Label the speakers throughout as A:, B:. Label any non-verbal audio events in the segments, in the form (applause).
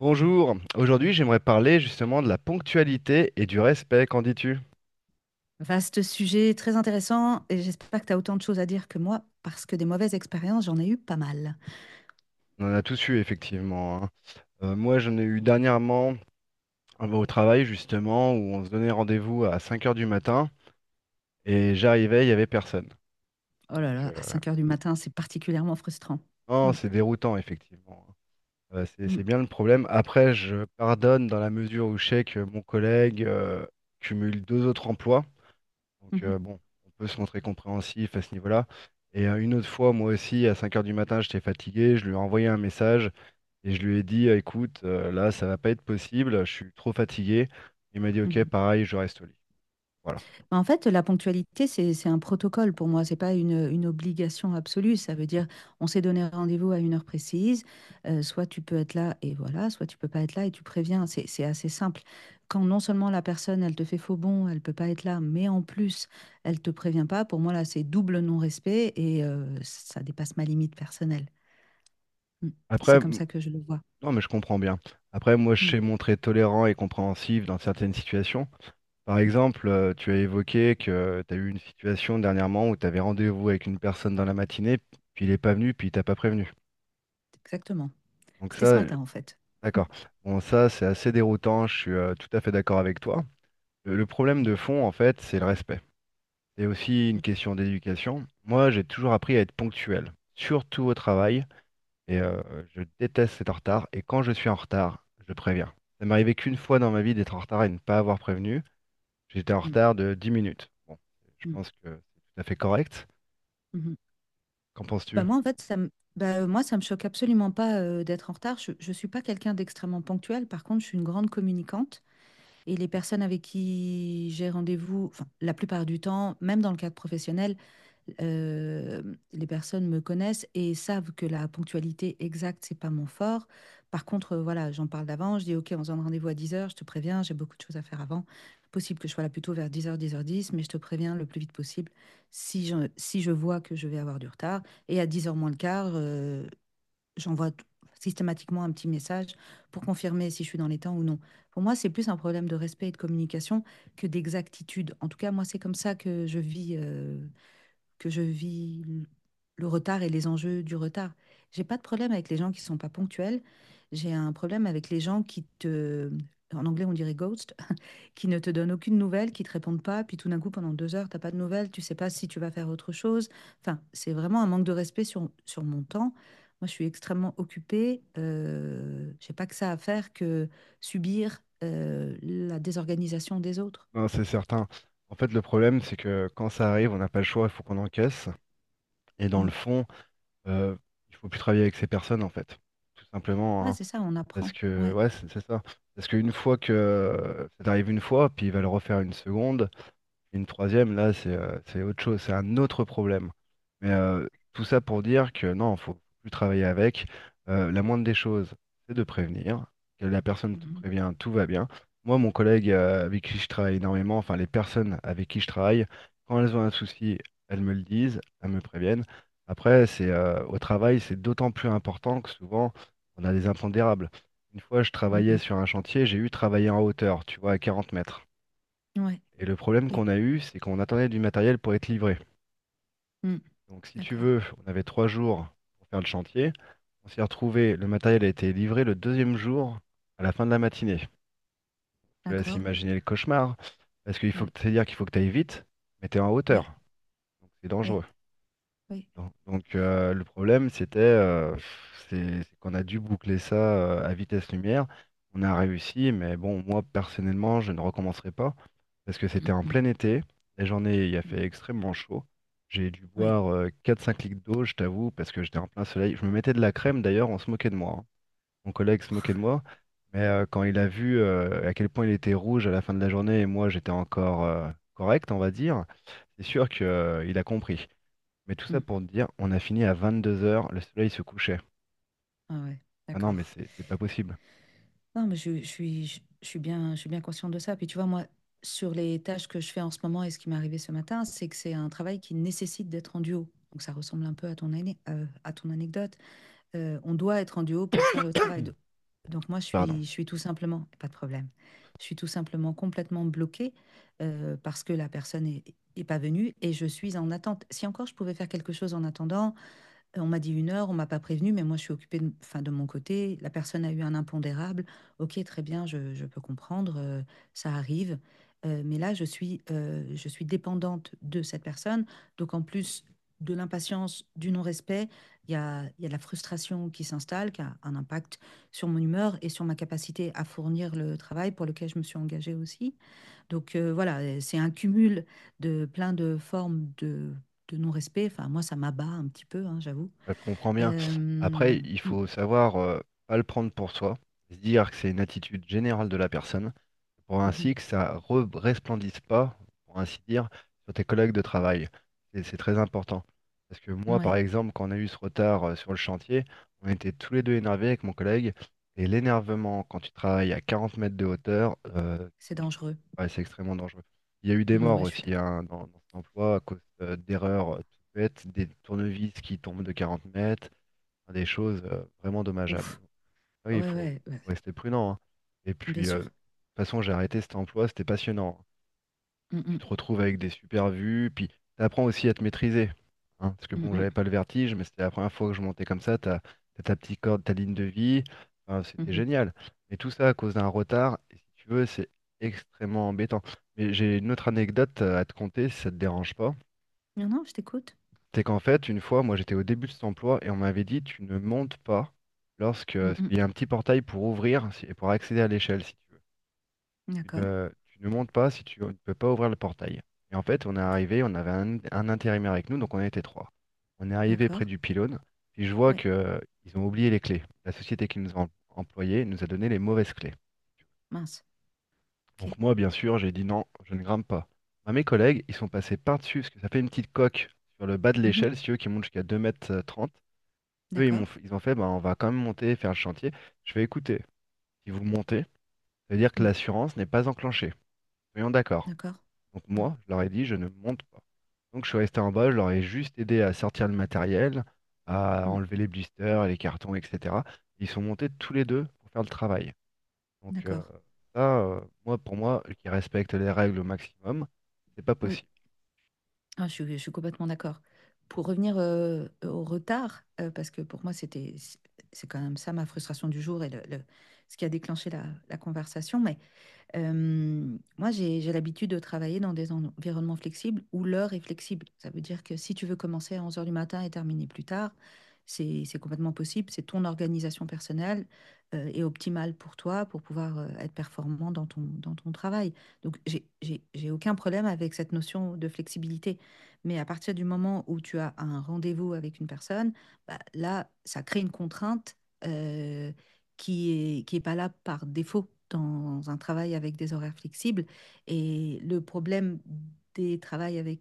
A: Bonjour, aujourd'hui j'aimerais parler justement de la ponctualité et du respect, qu'en dis-tu?
B: Vaste sujet, très intéressant, et j'espère que tu as autant de choses à dire que moi, parce que des mauvaises expériences, j'en ai eu pas mal.
A: On en a tous eu effectivement, hein. Moi j'en ai eu dernièrement au travail justement où on se donnait rendez-vous à 5 heures du matin et j'arrivais, il n'y avait personne.
B: Oh
A: Donc,
B: là là, à 5 heures du matin, c'est particulièrement frustrant.
A: non,
B: Mm,
A: c'est déroutant effectivement, hein. C'est
B: mm,
A: c'est bien le problème. Après je pardonne dans la mesure où je sais que mon collègue cumule deux autres emplois. Donc,
B: mhm,
A: bon, on peut se montrer compréhensif à ce niveau-là. Et une autre fois, moi aussi, à 5 heures du matin, j'étais fatigué, je lui ai envoyé un message et je lui ai dit, écoute, là, ça va pas être possible, je suis trop fatigué. Il m'a dit, ok,
B: mhm.
A: pareil, je reste au lit. Voilà.
B: Bah, en fait, la ponctualité, c'est un protocole pour moi, c'est pas une obligation absolue. Ça veut dire, on s'est donné rendez-vous à une heure précise, soit tu peux être là et voilà, soit tu peux pas être là et tu préviens. C'est assez simple. Quand non seulement la personne, elle te fait faux bond, elle peut pas être là, mais en plus, elle te prévient pas, pour moi là, c'est double non-respect et ça dépasse ma limite personnelle. Mmh.
A: Après,
B: C'est comme ça que je le vois.
A: non, mais je comprends bien. Après, moi, je
B: Mmh.
A: sais montrer tolérant et compréhensif dans certaines situations. Par exemple, tu as évoqué que tu as eu une situation dernièrement où tu avais rendez-vous avec une personne dans la matinée, puis il n'est pas venu, puis il t'a pas prévenu.
B: Exactement.
A: Donc
B: C'était ce
A: ça,
B: matin en fait.
A: d'accord. Bon, ça, c'est assez déroutant, je suis tout à fait d'accord avec toi. Le problème de fond, en fait, c'est le respect. C'est aussi une
B: Compl
A: question d'éducation. Moi, j'ai toujours appris à être ponctuel, surtout au travail, et je déteste être en retard, et quand je suis en retard, je préviens. Ça m'est arrivé qu'une fois dans ma vie d'être en retard et de ne pas avoir prévenu. J'étais en
B: mmh.
A: retard de 10 minutes. Bon, je
B: Mmh.
A: pense que c'est tout à fait correct.
B: Mmh.
A: Qu'en penses-tu?
B: Bah moi, en fait, bah, moi, ça me choque absolument pas d'être en retard. Je ne suis pas quelqu'un d'extrêmement ponctuel. Par contre, je suis une grande communicante et les personnes avec qui j'ai rendez-vous, enfin, la plupart du temps, même dans le cadre professionnel, euh, les personnes me connaissent et savent que la ponctualité exacte, c'est pas mon fort. Par contre, voilà, j'en parle d'avant. Je dis, OK, on se donne rendez-vous à 10 heures, je te préviens, j'ai beaucoup de choses à faire avant. Possible que je sois là plutôt vers 10 heures, 10 heures 10, mais je te préviens le plus vite possible si je vois que je vais avoir du retard. Et à 10 heures moins le quart, j'envoie t- systématiquement un petit message pour confirmer si je suis dans les temps ou non. Pour moi, c'est plus un problème de respect et de communication que d'exactitude. En tout cas, moi, c'est comme ça que je vis le retard et les enjeux du retard. J'ai pas de problème avec les gens qui sont pas ponctuels. J'ai un problème avec les gens en anglais on dirait ghost, (laughs) qui ne te donnent aucune nouvelle, qui te répondent pas, puis tout d'un coup pendant 2 heures t'as pas de nouvelles, tu sais pas si tu vas faire autre chose. Enfin, c'est vraiment un manque de respect sur mon temps. Moi, je suis extrêmement occupée. J'ai pas que ça à faire que subir la désorganisation des autres.
A: Non, c'est certain. En fait, le problème, c'est que quand ça arrive, on n'a pas le choix, il faut qu'on encaisse. Et dans le
B: Mm.
A: fond, euh, il faut plus travailler avec ces personnes, en fait. Tout simplement,
B: Ouais,
A: hein.
B: c'est ça, on
A: Parce
B: apprend.
A: que,
B: Ouais.
A: ouais, c'est ça. Parce qu'une fois que ça t'arrive une fois, puis il va le refaire une seconde, une troisième, là, c'est autre chose, c'est un autre problème. Mais tout ça pour dire que non, faut plus travailler avec. La moindre des choses, c'est de prévenir. Que la personne te
B: Mhm.
A: prévient, tout va bien. Moi, mon collègue avec qui je travaille énormément, enfin les personnes avec qui je travaille, quand elles ont un souci, elles me le disent, elles me préviennent. Après, c'est au travail, c'est d'autant plus important que souvent, on a des impondérables. Une fois, je travaillais
B: Mhm.
A: sur un chantier, j'ai eu travailler en hauteur, tu vois, à 40 mètres.
B: Ouais,
A: Et le problème qu'on
B: oui.
A: a eu, c'est qu'on attendait du matériel pour être livré.
B: Mm.
A: Donc si tu
B: D'accord,
A: veux, on avait 3 jours pour faire le chantier. On s'est retrouvé, le matériel a été livré le deuxième jour à la fin de la matinée. Je te laisse
B: d'accord.
A: imaginer le cauchemar, parce qu'il faut
B: Ouais.
A: que, c'est-à-dire qu'il faut que tu ailles vite, mais tu es en
B: Oui,
A: hauteur, donc c'est
B: oui,
A: dangereux.
B: oui.
A: Non. Donc, le problème, c'était c'est qu'on a dû boucler ça à vitesse lumière. On a réussi, mais bon, moi personnellement, je ne recommencerai pas parce que c'était
B: Mm,
A: en
B: mm,
A: plein été. La journée, il a
B: mm.
A: fait extrêmement chaud. J'ai dû
B: Oui.
A: boire 4-5 litres d'eau, je t'avoue, parce que j'étais en plein soleil. Je me mettais de la crème d'ailleurs, on se moquait de moi, hein. Mon collègue se moquait de moi, mais quand il a vu à quel point il était rouge à la fin de la journée et moi j'étais encore correct, on va dire, c'est sûr qu'il a compris. Mais tout ça
B: Mm.
A: pour te dire, on a fini à 22 heures, le soleil se couchait.
B: Ah ouais,
A: Ah non, mais
B: d'accord.
A: c'est pas possible.
B: Non, mais je suis bien consciente de ça. Puis tu vois, moi, sur les tâches que je fais en ce moment et ce qui m'est arrivé ce matin, c'est que c'est un travail qui nécessite d'être en duo. Donc ça ressemble un peu à ton anecdote. On doit être en duo pour faire le travail. Donc moi, je
A: Pardon.
B: suis, je suis tout simplement, pas de problème, je suis tout simplement complètement bloquée parce que la personne est pas venue et je suis en attente. Si encore je pouvais faire quelque chose en attendant, on m'a dit 1 heure, on m'a pas prévenu, mais moi je suis occupée de, enfin, de mon côté. La personne a eu un impondérable. Ok, très bien, je peux comprendre, ça arrive. Mais là, je suis dépendante de cette personne. Donc en plus de l'impatience, du non-respect, il y a de la frustration qui s'installe, qui a un impact sur mon humeur et sur ma capacité à fournir le travail pour lequel je me suis engagée aussi. Donc voilà, c'est un cumul de plein de formes de non-respect. Enfin, moi, ça m'abat un petit peu, hein, j'avoue.
A: Bah, je te comprends bien. Après, il faut
B: Mm,
A: savoir, pas le prendre pour soi, se dire que c'est une attitude générale de la personne, pour
B: mm,
A: ainsi que ça resplendisse pas, pour ainsi dire, sur tes collègues de travail. Et c'est très important. Parce que
B: mm.
A: moi, par
B: Ouais,
A: exemple, quand on a eu ce retard sur le chantier, on était tous les deux énervés avec mon collègue. Et l'énervement, quand tu travailles à 40 mètres de hauteur,
B: c'est
A: il faut-
B: dangereux.
A: ouais, c'est extrêmement dangereux. Il y a eu des
B: Mm,
A: morts
B: ouais, je suis
A: aussi,
B: d'accord.
A: hein, dans cet emploi à cause d'erreurs toutes bêtes, des tournevis qui tombent de 40 mètres, enfin, des choses vraiment dommageables.
B: Ouf.
A: Oui, il
B: Ouais,
A: faut,
B: ouais, ouais,
A: faut rester prudent, hein. Et
B: bien
A: puis, de toute
B: sûr.
A: façon, j'ai arrêté cet emploi, c'était passionnant, hein.
B: Mm,
A: Tu
B: mm,
A: te retrouves avec des super vues, puis tu apprends aussi à te maîtriser, hein, parce que bon,
B: mm,
A: j'avais pas le vertige, mais c'était la première fois que je montais comme ça. T'as ta petite corde, ta ligne de vie. Enfin,
B: mm,
A: c'était
B: mhm.
A: génial. Mais tout ça à cause d'un retard, et si tu veux, c'est extrêmement embêtant. Mais j'ai une autre anecdote à te conter, si ça te dérange pas.
B: Non, non, je t'écoute.
A: C'est qu'en fait, une fois, moi j'étais au début de cet emploi et on m'avait dit tu ne montes pas lorsque,
B: Mm,
A: parce
B: mm.
A: qu'il y a un petit portail pour ouvrir et pour accéder à l'échelle si tu veux. Tu
B: D'accord.
A: ne, tu ne montes pas si tu ne peux pas ouvrir le portail. Et en fait, on est
B: Ok.
A: arrivé, on avait un intérimaire avec nous, donc on était trois. On est arrivé près
B: D'accord.
A: du pylône, puis je vois
B: Ouais,
A: que ils ont oublié les clés. La société qui nous a employés nous a donné les mauvaises clés.
B: mince.
A: Donc
B: Ok.
A: moi, bien sûr, j'ai dit non, je ne grimpe pas. Bah, mes collègues, ils sont passés par-dessus, parce que ça fait une petite coque sur le bas de
B: Mhm.
A: l'échelle, si tu veux, qui monte jusqu'à 2,30 mètres. Eux, ils m'ont,
B: D'accord.
A: ils ont fait, bah, on va quand même monter, faire le chantier. Je fais écouter, si vous montez, ça veut dire que
B: Mm,
A: l'assurance n'est pas enclenchée. Soyons d'accord.
B: d'accord.
A: Donc
B: Ouais.
A: moi, je leur ai dit, je ne monte pas. Donc je suis resté en bas, je leur ai juste aidé à sortir le matériel, à
B: Mm,
A: enlever les blisters, les cartons, etc. Ils sont montés tous les deux pour faire le travail. Donc,
B: d'accord.
A: ça, moi, pour moi, qui respecte les règles au maximum, c'est pas
B: Oui,
A: possible.
B: ah, je suis complètement d'accord. Pour revenir au retard, parce que pour moi, c'est quand même ça ma frustration du jour et ce qui a déclenché la conversation. Mais moi, j'ai l'habitude de travailler dans des environnements flexibles où l'heure est flexible. Ça veut dire que si tu veux commencer à 11 heures du matin et terminer plus tard, c'est complètement possible. C'est ton organisation personnelle et optimale pour toi pour pouvoir être performant dans ton travail. Donc, j'ai aucun problème avec cette notion de flexibilité. Mais à partir du moment où tu as un rendez-vous avec une personne, bah, là, ça crée une contrainte euh, qui est pas là par défaut dans un travail avec des horaires flexibles. Et le problème des travails avec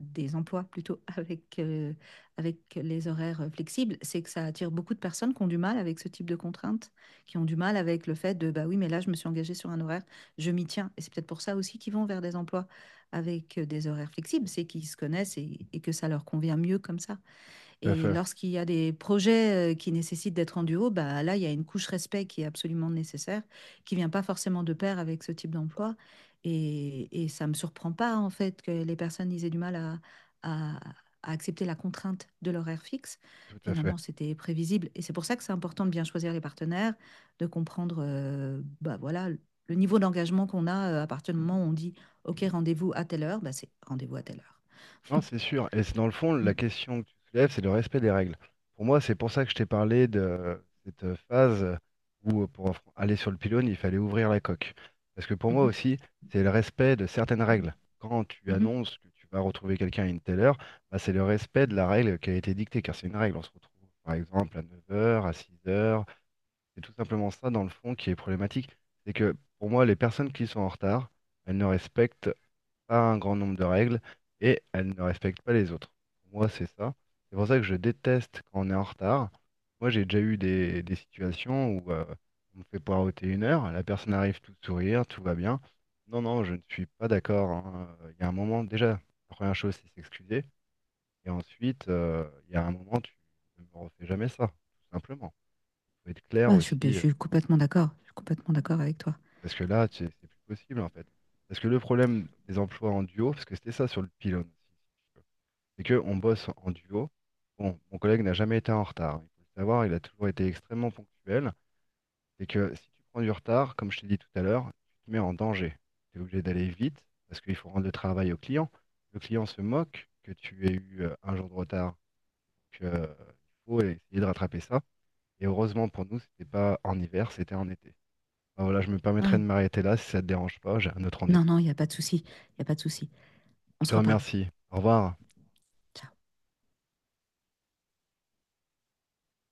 B: des emplois plutôt (laughs) avec les horaires flexibles, c'est que ça attire beaucoup de personnes qui ont du mal avec ce type de contraintes, qui ont du mal avec le fait de, bah oui, mais là, je me suis engagée sur un horaire, je m'y tiens. Et c'est peut-être pour ça aussi qu'ils vont vers des emplois avec des horaires flexibles, c'est qu'ils se connaissent et que ça leur convient mieux comme ça.
A: Tout à
B: Et
A: fait,
B: lorsqu'il y a des projets, qui nécessitent d'être en duo, bah, là, il y a une couche respect qui est absolument nécessaire, qui vient pas forcément de pair avec ce type d'emploi et ça me surprend pas, en fait, que les personnes, ils aient du mal à à accepter la contrainte de l'horaire fixe.
A: tout à fait.
B: Finalement, c'était prévisible et c'est pour ça que c'est important de bien choisir les partenaires, de comprendre, bah, voilà, le niveau d'engagement qu'on a, à partir du moment où on dit: «OK, rendez-vous à telle heure», bah, c'est rendez-vous à telle heure.
A: Non, c'est
B: (laughs)
A: sûr. Et c'est dans le fond, la
B: Mmh.
A: question que tu soulèves, c'est le respect des règles. Pour moi, c'est pour ça que je t'ai parlé de cette phase où, pour aller sur le pylône, il fallait ouvrir la coque. Parce que pour
B: Mmh
A: moi
B: mh.
A: aussi, c'est le respect de certaines règles. Quand tu
B: Mmh.
A: annonces que tu vas retrouver quelqu'un à une telle heure, bah, c'est le respect de la règle qui a été dictée, car c'est une règle. On se retrouve, par exemple, à 9 heures, à 6 heures. C'est tout simplement ça, dans le fond, qui est problématique. C'est que, pour moi, les personnes qui sont en retard, elles ne respectent a un grand nombre de règles et elle ne respecte pas les autres. Pour moi, c'est ça. C'est pour ça que je déteste quand on est en retard. Moi, j'ai déjà eu des situations où on me fait poireauter 1 heure, la personne arrive tout sourire, tout va bien. Non, non, je ne suis pas d'accord, hein. Il y a un moment, déjà, la première chose, c'est s'excuser. Et ensuite, il y a un moment, tu ne me refais jamais ça, tout simplement. Il faut être clair
B: Ah, je suis, je
A: aussi,
B: suis complètement d'accord. Je suis complètement d'accord avec toi.
A: parce que là, c'est plus possible, en fait. Parce que le problème des emplois en duo, parce que c'était ça sur le pylône, aussi, c'est qu'on bosse en duo. Bon, mon collègue n'a jamais été en retard, hein. Il faut le savoir, il a toujours été extrêmement ponctuel. C'est que si tu prends du retard, comme je t'ai dit tout à l'heure, tu te mets en danger. Tu es obligé d'aller vite parce qu'il faut rendre le travail au client. Le client se moque que tu aies eu un jour de retard. Donc, il faut essayer de rattraper ça. Et heureusement pour nous, c'était pas en hiver, c'était en été. Ah, voilà, je me permettrai
B: Ouais.
A: de m'arrêter là si ça te dérange pas. J'ai un autre rendez-vous.
B: Non, non, il n'y a pas de souci. Il n'y a pas de souci. On
A: Je
B: se
A: te
B: reparle.
A: remercie. Au revoir.
B: Ciao.